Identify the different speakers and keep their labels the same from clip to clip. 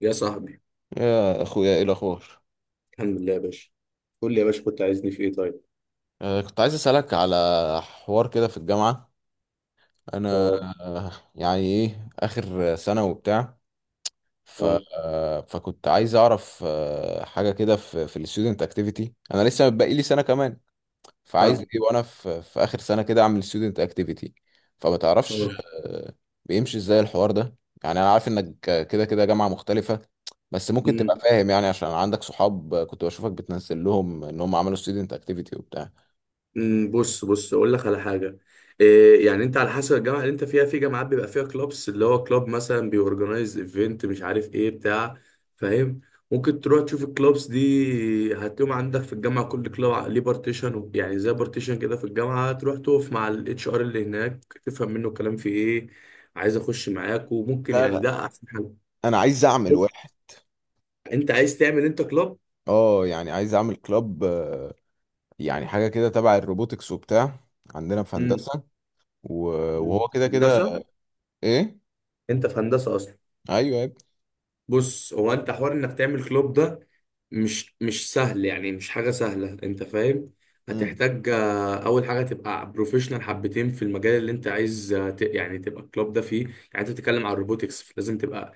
Speaker 1: يا صاحبي.
Speaker 2: يا اخويا، ايه الاخبار؟
Speaker 1: الحمد لله يا باشا. قول لي يا باشا، كنت عايزني في ايه طيب؟
Speaker 2: كنت عايز اسالك على حوار كده في الجامعه. انا،
Speaker 1: اه.
Speaker 2: يعني ايه، اخر سنه وبتاع. ف
Speaker 1: اه.
Speaker 2: آه، فكنت عايز اعرف حاجه كده في في الستودنت اكتيفيتي. انا لسه باقي لي سنه كمان، فعايز ايه
Speaker 1: فاهمك.
Speaker 2: وانا في اخر سنه كده اعمل ستودنت اكتيفيتي؟ فما تعرفش
Speaker 1: اه.
Speaker 2: آه، بيمشي ازاي الحوار ده؟ يعني انا عارف انك كده كده جامعه مختلفه، بس ممكن تبقى
Speaker 1: امم
Speaker 2: فاهم يعني، عشان عندك صحاب كنت بشوفك بتنزل لهم ان هم عملوا ستودنت اكتيفيتي وبتاع.
Speaker 1: أمم، بص اقول لك على حاجه. إيه يعني، انت على حسب الجامعه اللي انت فيها، في جامعات بيبقى فيها كلوبس، اللي هو كلوب مثلا بيورجنايز ايفنت مش عارف ايه بتاع. فاهم. ممكن تروح تشوف الكلوبس دي، هتلاقيهم عندك في الجامعه. كل كلوب ليه بارتيشن، يعني زي بارتيشن كده في الجامعه، تروح تقف مع الاتش ار اللي هناك تفهم منه الكلام في ايه. عايز اخش معاك، وممكن
Speaker 2: لا،
Speaker 1: يعني
Speaker 2: لا،
Speaker 1: ده احسن حل.
Speaker 2: انا عايز اعمل واحد.
Speaker 1: انت عايز تعمل انت كلوب؟
Speaker 2: اه، يعني عايز اعمل كلاب، يعني حاجه كده تبع الروبوتكس وبتاع، عندنا في
Speaker 1: امم
Speaker 2: هندسه.
Speaker 1: أمم.
Speaker 2: وهو كده كده.
Speaker 1: هندسه.
Speaker 2: ايه.
Speaker 1: انت في هندسه اصلا؟
Speaker 2: ايوه يا ابني.
Speaker 1: بص، هو انت حوار انك تعمل كلوب ده مش سهل، يعني مش حاجه سهله، انت فاهم.
Speaker 2: مم.
Speaker 1: هتحتاج اول حاجه تبقى بروفيشنال حبتين في المجال اللي انت عايز، يعني تبقى كلوب ده فيه، يعني انت بتتكلم عن الروبوتكس، لازم تبقى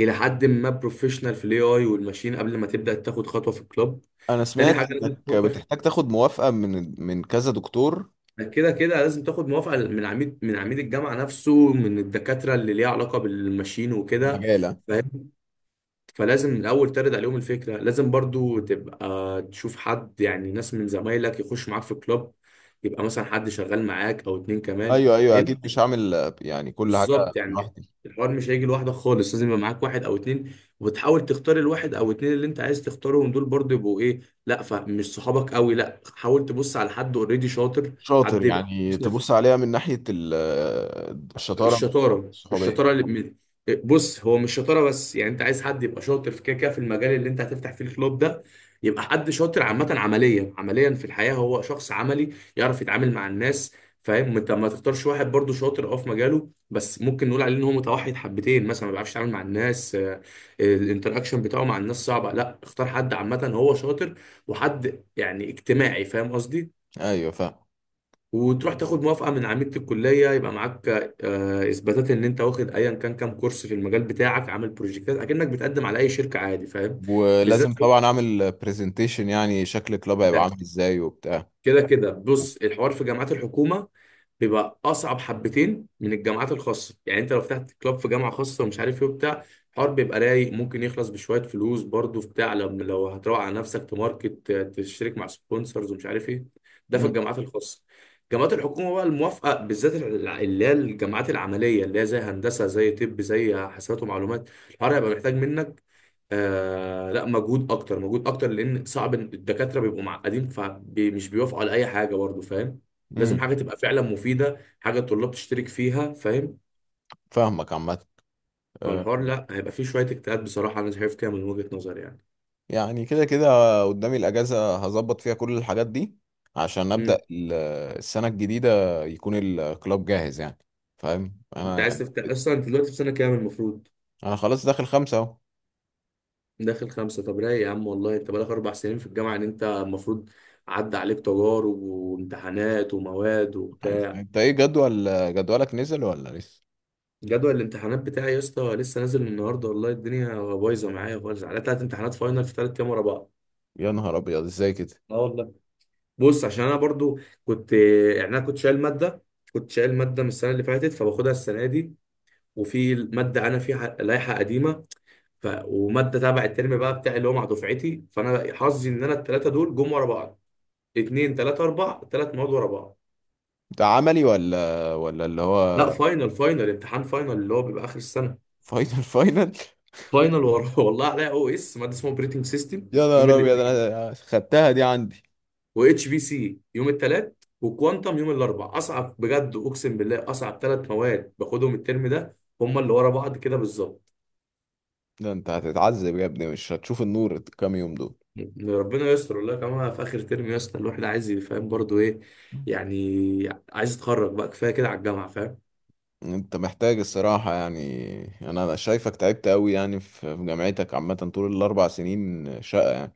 Speaker 1: الى حد ما بروفيشنال في الاي اي والماشين قبل ما تبدا تاخد خطوه في الكلوب.
Speaker 2: انا
Speaker 1: تاني
Speaker 2: سمعت
Speaker 1: حاجه لازم
Speaker 2: انك
Speaker 1: تفكر.
Speaker 2: بتحتاج تاخد موافقه من كذا دكتور.
Speaker 1: كده كده لازم تاخد موافقة من عميد الجامعة نفسه، من الدكاترة اللي ليها علاقة بالماشين وكده.
Speaker 2: مجاله.
Speaker 1: فاهم. فلازم الأول ترد عليهم الفكرة، لازم برضو تبقى تشوف حد، يعني ناس من زمايلك يخش معاك في الكلاب. يبقى مثلا حد شغال معاك أو اتنين كمان.
Speaker 2: ايوه، ايوه،
Speaker 1: لأن،
Speaker 2: اكيد مش هعمل يعني كل حاجه
Speaker 1: بالظبط يعني،
Speaker 2: لوحدي.
Speaker 1: الحوار مش هيجي لوحدك خالص، لازم يبقى معاك واحد أو اتنين. وتحاول تختار الواحد أو اتنين اللي أنت عايز تختارهم دول برضو يبقوا إيه. لا فمش صحابك قوي، لا، حاول تبص على حد أوريدي شاطر.
Speaker 2: شاطر،
Speaker 1: حد يبقى
Speaker 2: يعني تبص عليها من ناحيه الشطاره.
Speaker 1: الشطاره
Speaker 2: الصحوبيه.
Speaker 1: الشطاره بص، هو مش شطاره بس، يعني انت عايز حد يبقى شاطر في كده كده في المجال اللي انت هتفتح فيه الكلوب ده. يبقى حد شاطر عامه، عمليا عمليا في الحياه، هو شخص عملي يعرف يتعامل مع الناس. فاهم. انت ما تختارش واحد برضو شاطر اه في مجاله، بس ممكن نقول عليه ان هو متوحد حبتين مثلا، ما بيعرفش يتعامل مع الناس. الانتراكشن بتاعه مع الناس صعبه. لا، اختار حد عامه هو شاطر، وحد يعني اجتماعي، فاهم قصدي.
Speaker 2: ايوه، فاهم.
Speaker 1: وتروح تاخد موافقة من عميدة الكلية، يبقى معاك إثباتات إن أنت واخد أيا كان كام كورس في المجال بتاعك، عامل بروجكتات، أكنك بتقدم على أي شركة عادي، فاهم.
Speaker 2: ولازم
Speaker 1: بالذات،
Speaker 2: طبعا اعمل برزنتيشن يعني، شكل كلاب هيبقى عامل ازاي وبتاع.
Speaker 1: كده كده بص، الحوار في جامعات الحكومة بيبقى أصعب حبتين من الجامعات الخاصة. يعني أنت لو فتحت كلاب في جامعة خاصة ومش عارف إيه وبتاع، الحوار بيبقى رايق، ممكن يخلص بشوية فلوس برضه في بتاع، لما لو هتروح على نفسك تماركت، تشترك مع سبونسرز ومش عارف إيه. ده في
Speaker 2: امم
Speaker 1: الجامعات الخاصة. جامعات الحكومة بقى، الموافقة بالذات اللي هي الجامعات العملية، اللي هي زي هندسة، زي طب، زي حاسبات ومعلومات، الحوار هيبقى محتاج منك لا مجهود اكتر، مجهود اكتر، لان صعب إن الدكاتره بيبقوا معقدين فمش بيوافقوا على اي حاجه برضه، فاهم. لازم
Speaker 2: امم
Speaker 1: حاجه تبقى فعلا مفيده، حاجه الطلاب تشترك فيها، فاهم.
Speaker 2: فاهمك عامة. أه،
Speaker 1: فالحوار لا هيبقى فيه شويه اجتهاد بصراحه، انا شايف كده من وجهه نظري يعني.
Speaker 2: يعني كده كده قدامي الأجازة هظبط فيها كل الحاجات دي عشان أبدأ
Speaker 1: امم
Speaker 2: السنة الجديدة يكون الكلاب جاهز يعني، فاهم
Speaker 1: انت
Speaker 2: أنا
Speaker 1: عايز
Speaker 2: يعني.
Speaker 1: تفتح اصلا، انت دلوقتي في سنه كام المفروض؟
Speaker 2: أنا خلاص داخل خمسة أهو.
Speaker 1: داخل خمسه؟ طب رايق يا عم والله، انت بقالك 4 سنين في الجامعه، ان انت المفروض عدى عليك تجارب وامتحانات ومواد وبتاع.
Speaker 2: أنت إيه، جدولك نزل ولا لسه؟
Speaker 1: جدول الامتحانات بتاعي يا اسطى لسه نازل النهارده، والله الدنيا بايظه معايا خالص، على 3 امتحانات فاينل في 3 ايام ورا بعض.
Speaker 2: يا نهار أبيض، إزاي كده؟
Speaker 1: اه والله. بص، عشان انا برضو كنت، يعني انا كنت شايل ماده، كنت شايل ماده من السنه اللي فاتت فباخدها السنه دي، وفي ماده انا فيها لائحه قديمه، وماده تبع الترم بقى بتاعي اللي هو مع دفعتي، فانا حظي ان انا الثلاثه دول جم ورا بعض. اتنين تلاته اربع، 3 مواد ورا بعض.
Speaker 2: ده عملي ولا اللي
Speaker 1: لا
Speaker 2: هو.
Speaker 1: فاينل، فاينل، امتحان فاينل اللي هو بيبقى اخر السنه.
Speaker 2: فاينل فاينل؟
Speaker 1: فاينل ورا والله عليا، او اس ماده اسمها اوبريتنج سيستم
Speaker 2: يا
Speaker 1: يوم،
Speaker 2: نهار أبيض، أنا خدتها دي عندي.
Speaker 1: واتش بي سي يوم الثلاث، وكوانتم يوم الاربع. اصعب بجد، اقسم بالله اصعب 3 مواد باخدهم الترم ده هم اللي ورا بعض كده بالظبط.
Speaker 2: ده أنت هتتعذب يا ابني، مش هتشوف النور الكام يوم دول.
Speaker 1: يعني ربنا يستر والله، كمان في اخر ترم يا اسطى، الواحد عايز يفهم برضه ايه، يعني عايز يتخرج بقى، كفايه كده على الجامعه فاهم.
Speaker 2: انت محتاج الصراحة يعني، يعني انا شايفك تعبت قوي يعني في جامعتك عامة، طول الاربع سنين شقة يعني.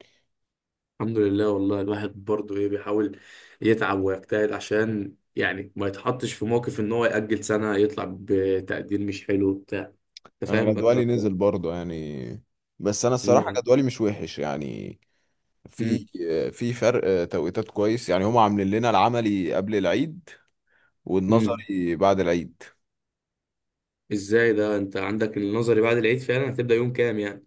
Speaker 1: الحمد لله والله، الواحد برضه ايه بيحاول يتعب ويجتهد عشان يعني ما يتحطش في موقف ان هو يأجل سنه، يطلع بتقدير مش حلو بتاع، انت
Speaker 2: انا
Speaker 1: فاهم بقى
Speaker 2: جدولي
Speaker 1: الكلام
Speaker 2: نزل
Speaker 1: ده.
Speaker 2: برضه يعني، بس انا الصراحة
Speaker 1: نعم.
Speaker 2: جدولي مش وحش يعني. في
Speaker 1: امم.
Speaker 2: في فرق توقيتات كويس يعني، هم عاملين لنا العملي قبل العيد
Speaker 1: امم.
Speaker 2: والنظري بعد العيد.
Speaker 1: ازاي ده، انت عندك النظري بعد العيد فعلا؟ هتبدأ يوم كام يعني؟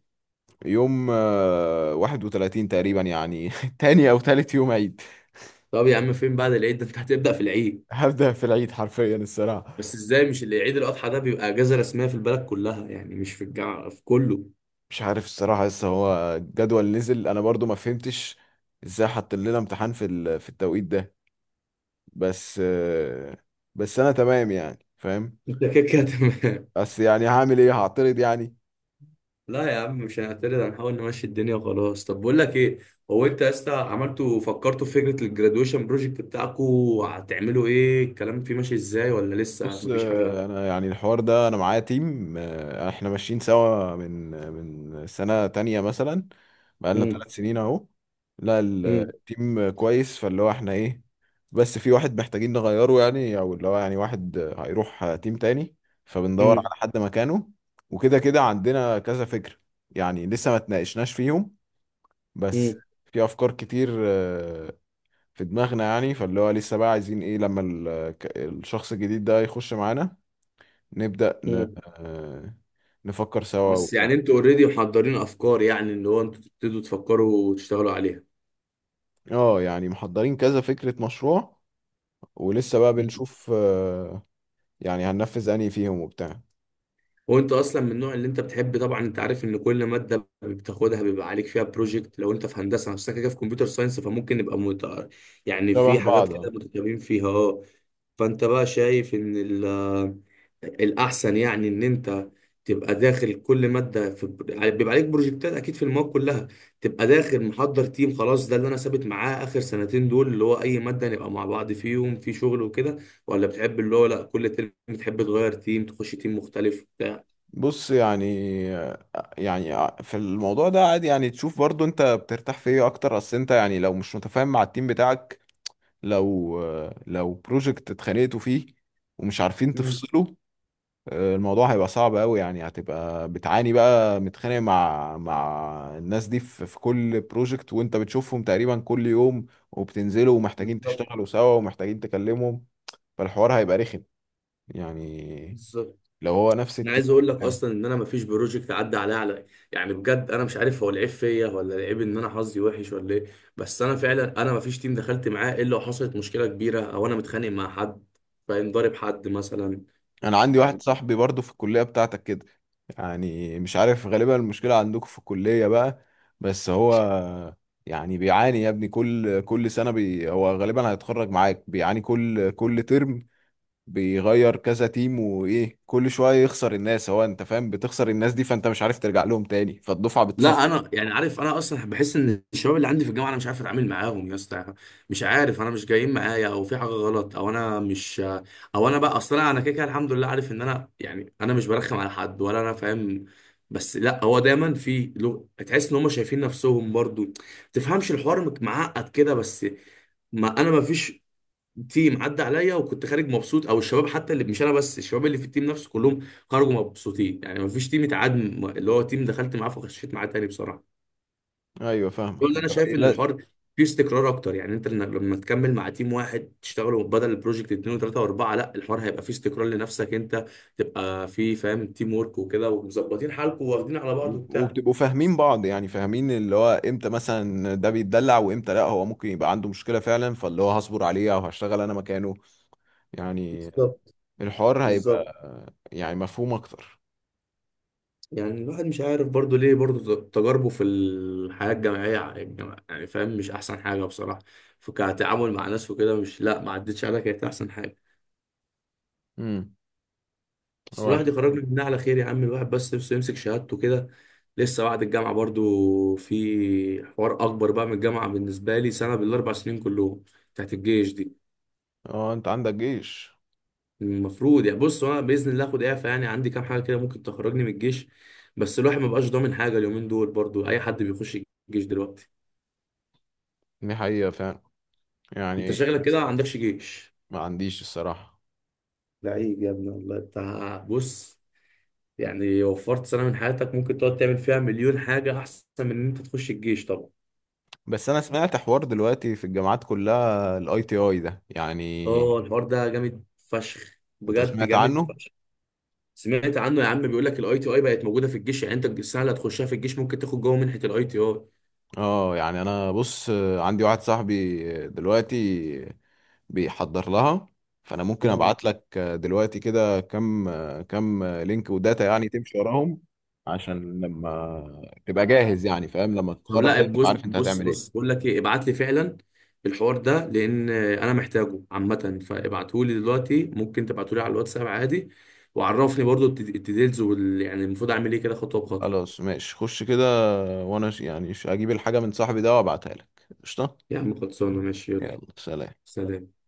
Speaker 2: يوم 31 تقريبا يعني تاني او تالت يوم عيد.
Speaker 1: طب يا عم، فين بعد العيد ده، انت هتبدأ في العيد؟
Speaker 2: هبدأ في العيد حرفيا الصراحة.
Speaker 1: بس ازاي، مش اللي عيد الأضحى ده بيبقى اجازة رسمية في البلد كلها يعني، مش في الجامعة، في كله.
Speaker 2: مش عارف الصراحة، لسه هو الجدول نزل، انا برضو ما فهمتش ازاي حط لنا امتحان في التوقيت ده. بس آه، بس انا تمام يعني فاهم.
Speaker 1: انت كده كده تمام.
Speaker 2: بس يعني هعمل ايه، هعترض يعني؟
Speaker 1: لا يا عم، مش هنعترض، هنحاول نمشي الدنيا وخلاص. طب بقول لك ايه، هو انت يا اسطى عملتوا، فكرتوا في فكرة الجرادويشن بروجكت بتاعكوا؟ هتعملوا ايه؟ الكلام فيه ماشي ازاي ولا لسه
Speaker 2: بص،
Speaker 1: مفيش حاجة؟
Speaker 2: انا يعني الحوار ده انا معايا تيم، احنا ماشيين سوا من سنة تانية مثلا، بقالنا
Speaker 1: امم.
Speaker 2: 3 سنين اهو. لا، التيم كويس، فاللي هو احنا ايه، بس في واحد محتاجين نغيره يعني، او اللي هو يعني واحد هيروح تيم تاني، فبندور
Speaker 1: امم.
Speaker 2: على حد مكانه. وكده كده عندنا كذا فكرة، يعني لسه ما تناقشناش فيهم، بس في افكار كتير في دماغنا يعني، فاللي هو لسه بقى عايزين ايه لما الشخص الجديد ده يخش معانا نبدأ ن...
Speaker 1: امم.
Speaker 2: آه، نفكر سوا
Speaker 1: بس يعني
Speaker 2: وبتاع.
Speaker 1: انتوا اوريدي محضرين افكار؟ يعني اللي هو انتوا تبتدوا تفكروا وتشتغلوا عليها.
Speaker 2: اه، يعني محضرين كذا فكرة مشروع، ولسه بقى
Speaker 1: مم.
Speaker 2: بنشوف يعني هننفذ انهي فيهم وبتاع.
Speaker 1: هو انت اصلا من النوع اللي انت بتحب؟ طبعا انت عارف ان كل ماده بتاخدها بيبقى عليك فيها بروجكت، لو انت في هندسه نفسك كده في كمبيوتر ساينس، فممكن نبقى يعني
Speaker 2: شبه
Speaker 1: في حاجات
Speaker 2: بعض، اه.
Speaker 1: كده متشابهين فيها اه. فانت بقى شايف ان الاحسن يعني ان انت تبقى داخل كل ماده في بيبقى عليك بروجكتات اكيد في المواد كلها، تبقى داخل محضر تيم خلاص، ده اللي انا ثابت معاه اخر سنتين دول، اللي هو اي ماده نبقى مع بعض فيهم في شغل وكده؟ ولا بتحب اللي هو لا كل ترم بتحب تغير تيم تخش تيم مختلف بتاع؟
Speaker 2: بص يعني آه، يعني في الموضوع ده عادي يعني، تشوف برضو انت بترتاح في ايه اكتر. اصل انت يعني لو مش متفاهم مع التيم بتاعك، لو بروجكت اتخانقتوا فيه ومش عارفين
Speaker 1: مم.
Speaker 2: تفصله، الموضوع هيبقى صعب قوي يعني، هتبقى بتعاني بقى متخانق مع الناس دي في كل بروجكت، وانت بتشوفهم تقريبا كل يوم، وبتنزلوا ومحتاجين
Speaker 1: بالظبط.
Speaker 2: تشتغلوا سوا ومحتاجين تكلمهم، فالحوار هيبقى رخم يعني
Speaker 1: بالظبط.
Speaker 2: لو هو نفس
Speaker 1: انا
Speaker 2: التيم
Speaker 1: عايز اقول لك
Speaker 2: وبتاع.
Speaker 1: اصلا ان انا مفيش بروجكت عدى عليا على، يعني بجد انا مش عارف هو العيب فيا ولا العيب ان انا حظي وحش ولا ايه، بس انا فعلا، انا مفيش تيم دخلت معاه الا وحصلت مشكله كبيره او انا متخانق مع حد، فاهم، ضارب حد مثلا.
Speaker 2: انا عندي واحد
Speaker 1: يعني
Speaker 2: صاحبي برضو في الكلية بتاعتك كده، يعني مش عارف غالبا المشكلة عندكم في الكلية بقى. بس هو يعني بيعاني يا ابني، كل سنة، هو غالبا هيتخرج معاك، بيعاني كل ترم، بيغير كذا تيم، وايه، كل شويه يخسر الناس، هو انت فاهم، بتخسر الناس دي، فانت مش عارف ترجع لهم تاني، فالدفعه بتصفى.
Speaker 1: لا انا يعني عارف، انا اصلا بحس ان الشباب اللي عندي في الجامعه انا مش عارف اتعامل معاهم يا اسطى. مش عارف انا مش جايين معايا، او في حاجه غلط، او انا مش، او انا بقى اصلا انا كده كده الحمد لله عارف ان انا يعني انا مش برخم على حد ولا انا فاهم، بس لا، هو دايما في تحس ان هم شايفين نفسهم برضو ما تفهمش الحوار معقد كده، بس ما انا ما فيش تيم عدى عليا وكنت خارج مبسوط، او الشباب حتى اللي مش انا بس، الشباب اللي في التيم نفسه كلهم خرجوا مبسوطين، يعني ما فيش تيم اتعاد، اللي هو تيم دخلت معاه فخشيت معاه تاني بصراحه.
Speaker 2: ايوه،
Speaker 1: دول
Speaker 2: فاهمك
Speaker 1: اللي انا
Speaker 2: اللي هو إيه،
Speaker 1: شايف ان
Speaker 2: لا.
Speaker 1: الحوار فيه استقرار اكتر، يعني انت لما تكمل مع تيم واحد تشتغلوا بدل البروجكت اتنين وتلاته واربعه، لا الحوار هيبقى فيه استقرار لنفسك انت، تبقى فيه فاهم تيم ورك وكده ومظبطين حالكم واخدين على بعض وبتاع.
Speaker 2: وبتبقوا فاهمين بعض يعني، فاهمين اللي هو امتى مثلا ده بيتدلع، وامتى لا هو ممكن يبقى عنده مشكله فعلا، فاللي هو هصبر عليه او هشتغل انا مكانه يعني.
Speaker 1: بالظبط.
Speaker 2: الحوار
Speaker 1: بالظبط.
Speaker 2: هيبقى يعني مفهوم اكتر.
Speaker 1: يعني الواحد مش عارف برضو ليه برضو تجاربه في الحياة الجامعية يعني فاهم، مش أحسن حاجة بصراحة، فكتعامل مع ناس وكده مش، لا ما عدتش عليها كانت أحسن حاجة.
Speaker 2: امم.
Speaker 1: بس
Speaker 2: هو
Speaker 1: الواحد
Speaker 2: الحوار.
Speaker 1: يخرجنا منها على خير يا عم، الواحد بس نفسه يمسك شهادته كده. لسه بعد الجامعة برضو في حوار أكبر بقى من الجامعة بالنسبة لي سنة بالأربع سنين كلهم، بتاعت الجيش دي.
Speaker 2: اه، انت عندك جيش.
Speaker 1: المفروض يعني بص، أنا بإذن الله آخد إعفاء، يعني عندي كام حاجة كده ممكن تخرجني من الجيش، بس الواحد مبقاش ضامن حاجة اليومين دول، برضو أي حد بيخش الجيش دلوقتي.
Speaker 2: دي حقيقه فعلا
Speaker 1: أنت
Speaker 2: يعني.
Speaker 1: شغلك كده،
Speaker 2: بس
Speaker 1: ما عندكش جيش؟
Speaker 2: ما عنديش الصراحه.
Speaker 1: لعيب يا ابني والله أنت. بص، يعني وفرت سنة من حياتك ممكن تقعد تعمل فيها مليون حاجة أحسن من إن أنت تخش الجيش طبعا.
Speaker 2: بس انا سمعت حوار دلوقتي في الجامعات كلها ITI ده يعني،
Speaker 1: اه الحوار ده جامد فشخ
Speaker 2: انت
Speaker 1: بجد،
Speaker 2: سمعت
Speaker 1: جامد
Speaker 2: عنه؟
Speaker 1: فشخ. سمعت عنه يا عم، بيقول لك الاي تي اي بقت موجوده في الجيش، يعني انت السنه اللي هتخشها في الجيش ممكن تاخد جوه منحه الاي تي اي.
Speaker 2: اه، يعني انا بص، عندي واحد صاحبي دلوقتي بيحضر لها، فانا ممكن
Speaker 1: مم.
Speaker 2: ابعت لك دلوقتي كده كم لينك وداتا يعني تمشي وراهم عشان لما تبقى جاهز يعني فاهم، لما
Speaker 1: طب
Speaker 2: تتخرج
Speaker 1: لا
Speaker 2: كده تبقى
Speaker 1: بص
Speaker 2: عارف انت
Speaker 1: بص
Speaker 2: هتعمل
Speaker 1: بص،
Speaker 2: ايه.
Speaker 1: بقول لك ايه، ابعت لي فعلا الحوار ده لان انا محتاجه عامه، فابعته لي دلوقتي، ممكن تبعته لي على الواتساب عادي، وعرفني برضو الديتيلز وال، يعني المفروض اعمل ايه كده خطوه بخطوه.
Speaker 2: خلاص ماشي خش كده، وانا يعني اجيب الحاجة من صاحبي ده وابعتها لك. قشطة.
Speaker 1: يا عم خلصانه ماشي. يلا
Speaker 2: يلا سلام.
Speaker 1: سلام.